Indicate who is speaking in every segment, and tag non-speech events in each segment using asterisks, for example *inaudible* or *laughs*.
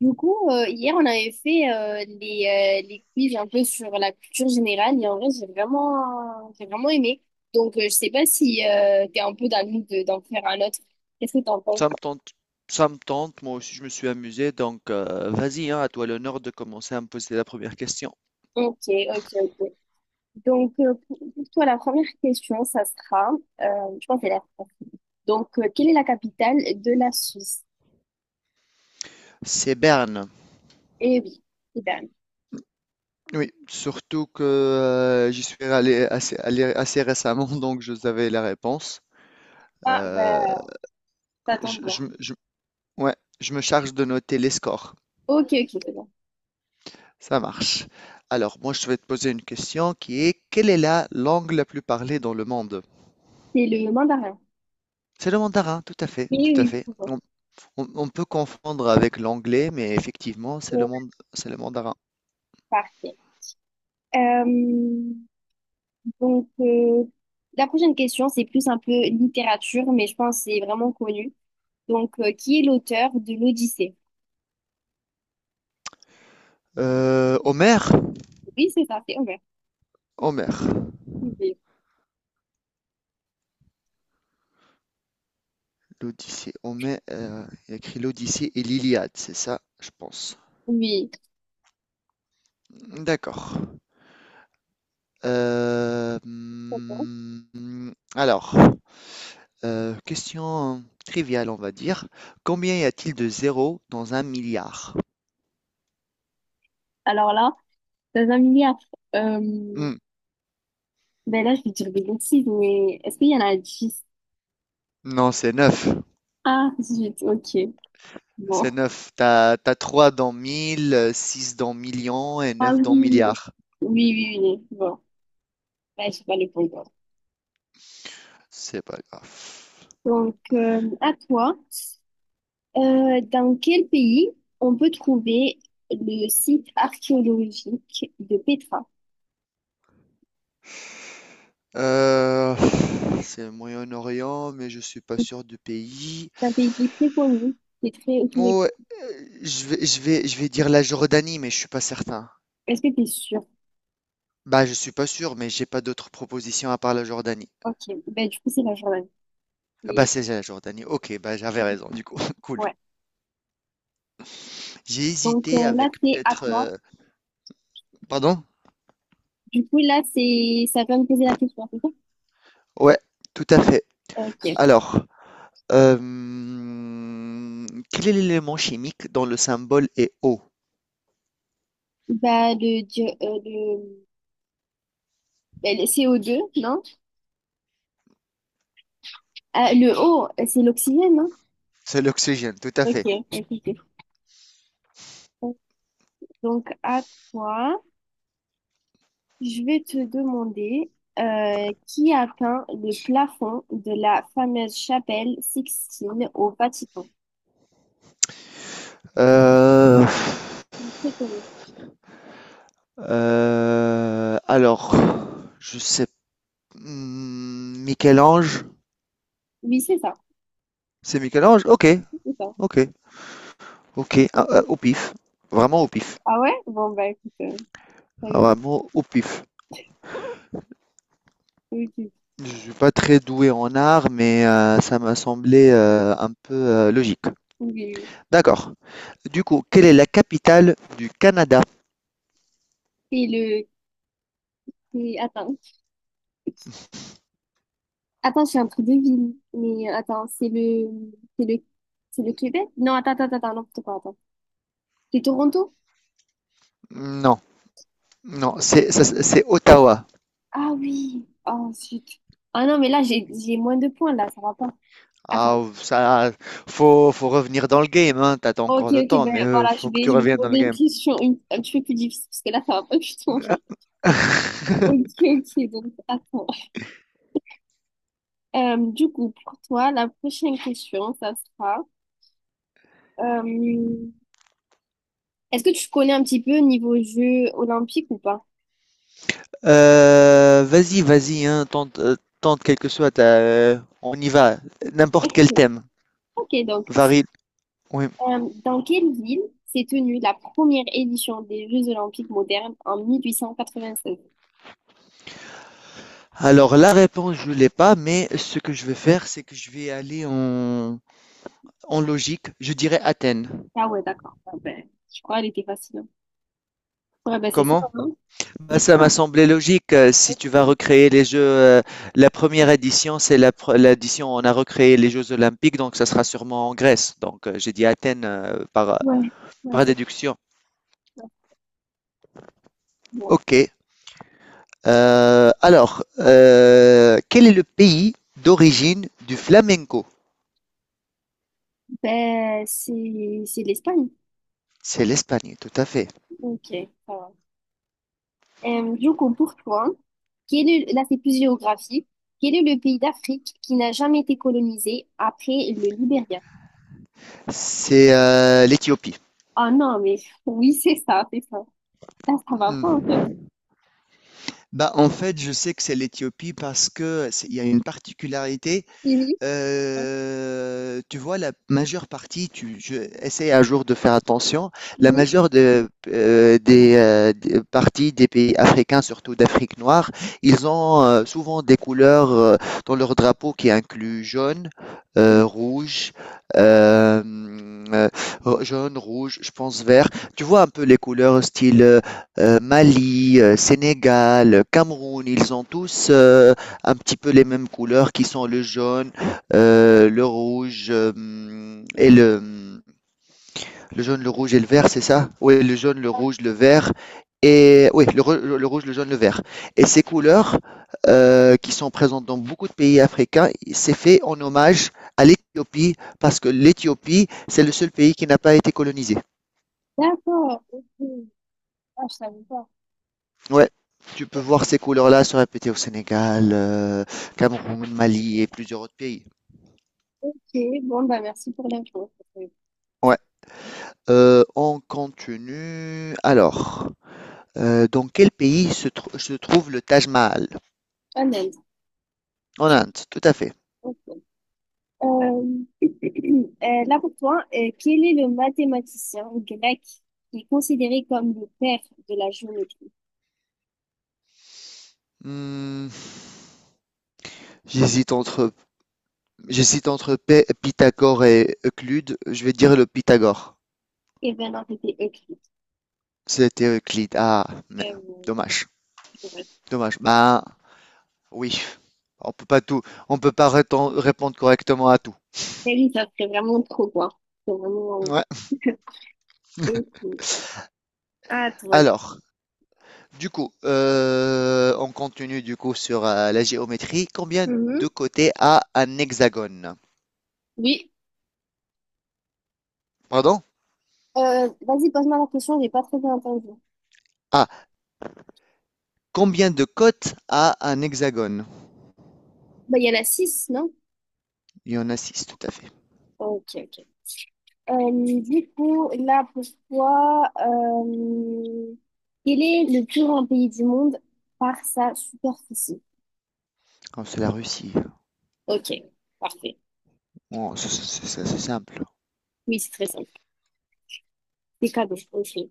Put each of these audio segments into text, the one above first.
Speaker 1: Du coup, hier, on avait fait les quiz un peu sur la culture générale et en vrai, j'ai vraiment aimé. Donc, je sais pas si t'es un peu dans le mood d'en faire un autre. Qu'est-ce que t'en penses?
Speaker 2: Ça me tente, ça me tente. Moi aussi, je me suis amusé. Donc, vas-y, hein, à toi l'honneur de commencer à me poser la première question.
Speaker 1: Ok, ok, ok. Donc, pour toi, la première question, ça sera, euh, je pense que c'est la France. Donc, quelle est la capitale de la Suisse?
Speaker 2: C'est Berne.
Speaker 1: Eh oui, c'est dingue.
Speaker 2: Oui, surtout que j'y suis allé assez récemment, *laughs* donc je savais la réponse.
Speaker 1: Ah,
Speaker 2: Euh,
Speaker 1: bah, ça
Speaker 2: je,
Speaker 1: tombe bien.
Speaker 2: je me- je- ouais, je me charge de noter les scores.
Speaker 1: Ok, ok, c'est bon.
Speaker 2: Ça marche. Alors, moi, je vais te poser une question qui est, quelle est la langue la plus parlée dans le monde?
Speaker 1: C'est le mandarin.
Speaker 2: C'est le mandarin, tout à fait,
Speaker 1: Oui,
Speaker 2: tout à
Speaker 1: oui,
Speaker 2: fait.
Speaker 1: c'est bon.
Speaker 2: On peut confondre avec l'anglais, mais effectivement,
Speaker 1: Oh,
Speaker 2: c'est le mandarin.
Speaker 1: parfait. Euh, Donc, la prochaine question, c'est plus un peu littérature, mais je pense que c'est vraiment connu. Donc, qui est l'auteur de l'Odyssée?
Speaker 2: Homère,
Speaker 1: Oui, c'est ça, c'est Homer.
Speaker 2: Homère,
Speaker 1: Oui.
Speaker 2: l'Odyssée. Homère, il a écrit l'Odyssée et l'Iliade, c'est ça, je pense.
Speaker 1: Oui.
Speaker 2: D'accord.
Speaker 1: D'accord.
Speaker 2: Alors, question triviale, on va dire. Combien y a-t-il de zéros dans un milliard?
Speaker 1: Alors là, dans un milliard, euh,
Speaker 2: Hmm,
Speaker 1: ben là, je vais dire des bêtises, mais est-ce qu'il y en a 10?
Speaker 2: non, c'est 9.
Speaker 1: Ah, 18, ok. Bon.
Speaker 2: C'est neuf. T'as 3 dans 1000, 6 dans millions et
Speaker 1: Ah
Speaker 2: neuf dans
Speaker 1: oui.
Speaker 2: milliards.
Speaker 1: Oui, oui, oui. Bon, ben, je sais pas les répondre.
Speaker 2: C'est pas grave.
Speaker 1: Donc, à toi. Dans quel pays on peut trouver le site archéologique de Petra?
Speaker 2: Euh, c'est le Moyen-Orient, mais je suis pas sûr du pays.
Speaker 1: C'est un pays qui est très connu, qui est très autour.
Speaker 2: Oh, je vais dire la Jordanie, mais je suis pas certain.
Speaker 1: Est-ce que tu es sûr?
Speaker 2: Bah, je suis pas sûr, mais j'ai pas d'autres propositions à part la Jordanie.
Speaker 1: Ok, ben, du coup, c'est la Jordanie.
Speaker 2: Ah bah,
Speaker 1: C'est-
Speaker 2: c'est la Jordanie. Ok, bah j'avais raison, du coup. *laughs* Cool.
Speaker 1: Ouais.
Speaker 2: J'ai
Speaker 1: Donc
Speaker 2: hésité
Speaker 1: là,
Speaker 2: avec
Speaker 1: c'est à
Speaker 2: peut-être.
Speaker 1: toi.
Speaker 2: Pardon?
Speaker 1: Du coup, là, c'est ça vient de poser la question, c'est ça?
Speaker 2: Ouais, tout à fait.
Speaker 1: Ok.
Speaker 2: Alors, euh, quel est l'élément chimique dont le symbole est O?
Speaker 1: Bah, ben, le CO2, non? Ah, le O, c'est l'oxygène, non?
Speaker 2: C'est l'oxygène, tout à
Speaker 1: Ok,
Speaker 2: fait.
Speaker 1: ok, ok. Donc, à toi. Je vais te demander qui a peint le plafond de la fameuse chapelle Sixtine au Vatican.
Speaker 2: Euh,
Speaker 1: C'est très connu.
Speaker 2: Alors, je sais, mmh, Michel-Ange?
Speaker 1: Oui, c'est ça.
Speaker 2: C'est Michel-Ange? OK,
Speaker 1: C'est ça.
Speaker 2: OK, OK, ah, ah, au pif, vraiment au pif.
Speaker 1: Ah ouais? Bon, bah écoute, t'as
Speaker 2: Ah,
Speaker 1: eu bon.
Speaker 2: vraiment au pif.
Speaker 1: Oui, oui,
Speaker 2: Je suis pas très doué en art, mais ça m'a semblé, un peu, logique.
Speaker 1: oui, oui.
Speaker 2: D'accord. Du coup, quelle est la capitale du Canada?
Speaker 1: C'est le... Attends. Attends, c'est un truc de ville. Mais attends, C'est le... C'est le Québec? Non, attends, attends, attends, non, pas, attends. C'est Toronto?
Speaker 2: Non, non, c'est ça, c'est Ottawa.
Speaker 1: Ah oui. Oh, zut. Ah non, mais là, j'ai moins de points, là, ça va pas. Attends.
Speaker 2: Ah ça, faut revenir dans le game, hein, tu as
Speaker 1: Ok,
Speaker 2: encore le
Speaker 1: ok,
Speaker 2: temps,
Speaker 1: ben
Speaker 2: mais
Speaker 1: voilà, je
Speaker 2: faut que
Speaker 1: vais,
Speaker 2: tu
Speaker 1: je vais
Speaker 2: reviennes dans
Speaker 1: poser
Speaker 2: le
Speaker 1: une
Speaker 2: game.
Speaker 1: question un petit peu plus difficile, parce que là, ça va pas du tout en fait.
Speaker 2: *laughs*
Speaker 1: Ok, ok, donc attends. Du coup, pour toi, la prochaine question, ça sera... euh, Est-ce que tu connais un petit peu niveau Jeux olympiques ou pas?
Speaker 2: Vas-y, vas-y, hein, tente quelle que soit ta. On y va. N'importe quel thème.
Speaker 1: Ok, donc,
Speaker 2: Varie. Oui.
Speaker 1: dans quelle ville s'est tenue la première édition des Jeux olympiques modernes en 1896?
Speaker 2: Alors, la réponse, je l'ai pas, mais ce que je vais faire, c'est que je vais aller en logique. Je dirais Athènes.
Speaker 1: Ah ouais, d'accord. Ah ben, je crois qu'elle était facile, hein. Ouais, ben c'est ça,
Speaker 2: Comment?
Speaker 1: hein?
Speaker 2: Bah,
Speaker 1: C'est
Speaker 2: ça
Speaker 1: ça.
Speaker 2: m'a semblé logique. Si tu vas recréer les Jeux, la première édition, c'est l'édition où on a recréé les Jeux Olympiques, donc ça sera sûrement en Grèce. Donc, j'ai dit Athènes, par,
Speaker 1: Ouais. Ouais,
Speaker 2: par déduction.
Speaker 1: ouais.
Speaker 2: Ok. Alors, quel est le pays d'origine du flamenco?
Speaker 1: Ben, c'est l'Espagne.
Speaker 2: C'est l'Espagne, tout à fait.
Speaker 1: Ok, ça va. Du coup, pour toi, quel est, là, c'est plus géographique. Quel est le pays d'Afrique qui n'a jamais été colonisé après le Libéria?
Speaker 2: C'est l'Éthiopie.
Speaker 1: Ah non, mais oui, c'est ça, c'est ça. Ça va
Speaker 2: Hmm.
Speaker 1: pas, en fait.
Speaker 2: Bah, en fait, je sais que c'est l'Éthiopie parce que il y a une particularité.
Speaker 1: Mhm,
Speaker 2: Tu vois, la majeure partie, tu je essaie un jour de faire attention. La
Speaker 1: mhm.
Speaker 2: majeure des parties des pays africains, surtout d'Afrique noire, ils ont, souvent des couleurs, dans leur drapeau qui incluent jaune, rouge, hem, heu, jaune, rouge, je pense vert. Tu vois un peu les couleurs style, Mali, Sénégal, Cameroun, ils ont tous, un petit peu les mêmes couleurs qui sont le jaune, le rouge et le jaune, le rouge et le vert, c'est ça. Oui, le jaune, le rouge, le vert. Et oui, le rouge, le jaune, le vert. Et ces couleurs qui sont présentes dans beaucoup de pays africains, c'est fait en hommage à l'Éthiopie parce que l'Éthiopie, c'est le seul pays qui n'a pas été colonisé.
Speaker 1: D'accord. Ok. Ah, je savais pas.
Speaker 2: Ouais. Tu peux
Speaker 1: Ok,
Speaker 2: voir ces couleurs-là se répéter au Sénégal, Cameroun, Mali et plusieurs autres pays.
Speaker 1: bon, bah, merci pour l'info. Ça fait
Speaker 2: Ouais. On continue. Alors, dans quel pays se trouve le Taj Mahal?
Speaker 1: un indice.
Speaker 2: En Inde, tout à fait.
Speaker 1: Ok. Euh, *clears throat* là pour toi, quel est le mathématicien grec qui est considéré comme le père de la géométrie?
Speaker 2: Hmm, j'hésite entre, j'hésite entre Pythagore et Euclide. Je vais dire le Pythagore.
Speaker 1: Eh bien, non, c'était Euclide.
Speaker 2: C'était Euclide. Ah,
Speaker 1: Euh,
Speaker 2: dommage.
Speaker 1: ouais.
Speaker 2: Dommage. Bah, oui. On peut pas tout, on peut pas répondre correctement à tout.
Speaker 1: Et lui, ça serait vraiment trop quoi. C'est vraiment.
Speaker 2: Ouais.
Speaker 1: Et puis, *laughs* Ah, toi.
Speaker 2: Alors, du coup, on continue du coup sur la géométrie. Combien
Speaker 1: Mhm.
Speaker 2: de côtés a un hexagone?
Speaker 1: Oui.
Speaker 2: Pardon?
Speaker 1: Vas-y, pose-moi la question, j'ai pas très bien entendu.
Speaker 2: Ah, combien de côtes a un hexagone?
Speaker 1: Bah, il y en a six, non?
Speaker 2: Il y en a six, tout à fait.
Speaker 1: Ok, ok. Du coup, là pour toi, quel est le plus grand pays du monde par sa superficie?
Speaker 2: Comme c'est la Russie.
Speaker 1: Ok, parfait.
Speaker 2: Bon, c'est simple.
Speaker 1: Oui, c'est très simple. C'est cadeau, ok.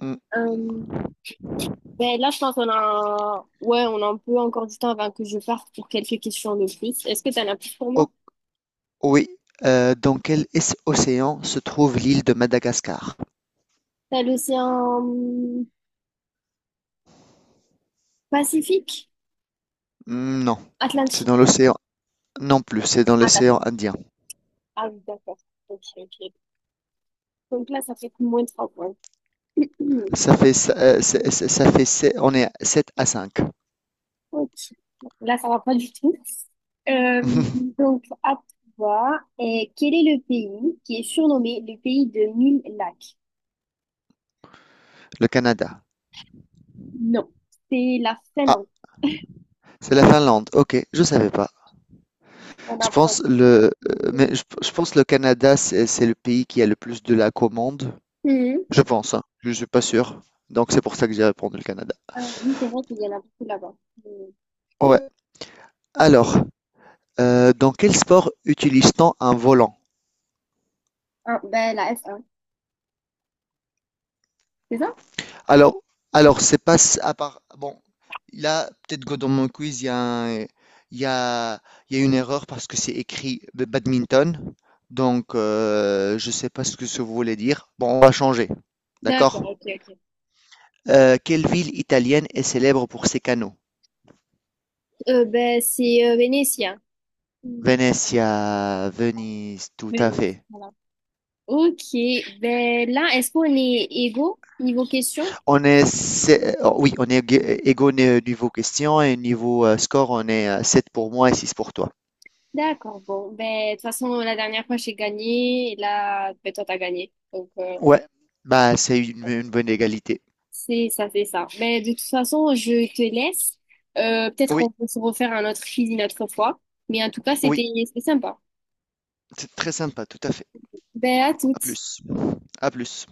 Speaker 2: Hmm,
Speaker 1: Euh, ben là, je pense qu'on a... Ouais, on a un peu encore du temps avant que je parte pour quelques questions de plus. Est-ce que t'en as plus pour
Speaker 2: o-
Speaker 1: moi?
Speaker 2: oui. Dans quel océan se trouve l'île de Madagascar?
Speaker 1: T'as l'océan hum, Pacifique?
Speaker 2: Hmm, Non, c'est
Speaker 1: Atlantique.
Speaker 2: dans l'océan. Non plus, c'est dans
Speaker 1: Ah,
Speaker 2: l'océan
Speaker 1: d'accord.
Speaker 2: Indien.
Speaker 1: Ah oui, d'accord. Ok, ok. Donc là, ça fait moins de trois points. *clears throat* Hmm,
Speaker 2: Ça fait, s- c'est- On est à 7 à 5.
Speaker 1: ok. Là, ça va pas du tout. Euh,
Speaker 2: *laughs*
Speaker 1: donc, à toi, et quel est le pays qui est surnommé le pays de mille lacs?
Speaker 2: Le Canada.
Speaker 1: Non, c'est la
Speaker 2: Ah,
Speaker 1: Finlande.
Speaker 2: c'est la Finlande. Ok, je savais pas.
Speaker 1: On apprend.
Speaker 2: Je pense le Canada, c'est le pays qui a le plus de la commande.
Speaker 1: Mhm.
Speaker 2: Je pense, hein. Je suis pas sûr. Donc c'est pour ça que j'ai répondu le Canada.
Speaker 1: Ah, oui, c'est vrai qu'il y en a beaucoup là-bas. Mhm.
Speaker 2: Ouais. Alors, dans quel sport utilise-t-on un volant?
Speaker 1: Ah, ben, la F1, c'est ça?
Speaker 2: Alors alors c'est pas à part bon, là, peut-être que dans mon quiz, il y a un il y a il y a une erreur parce que c'est écrit b badminton, donc je sais pas ce que ça voulait dire. Bon, on va changer, d'accord?
Speaker 1: D'accord, ok, ok.
Speaker 2: Quelle ville italienne est célèbre pour ses canaux?
Speaker 1: Ben, c'est vénitien. Mhm.
Speaker 2: Venezia, Venise, tout
Speaker 1: Oui,
Speaker 2: à fait.
Speaker 1: voilà. Ok, ben là, est-ce qu'on est égaux niveau question?
Speaker 2: On est, on est égaux niveau question et niveau score, on est 7 pour moi et six pour toi.
Speaker 1: D'accord, bon, ben de toute façon, la dernière fois, j'ai gagné, et là, ben toi, t'as gagné. Donc,
Speaker 2: Ouais, bah c'est une bonne égalité.
Speaker 1: c'est ça, c'est ça. Ben, de toute façon, je te laisse. Peut-être
Speaker 2: Oui,
Speaker 1: on peut se refaire un autre quiz une autre fois. Mais en tout cas,
Speaker 2: oui,
Speaker 1: c'était sympa.
Speaker 2: c'est très sympa, tout à fait.
Speaker 1: Ben, à
Speaker 2: À
Speaker 1: toutes.
Speaker 2: plus. À plus.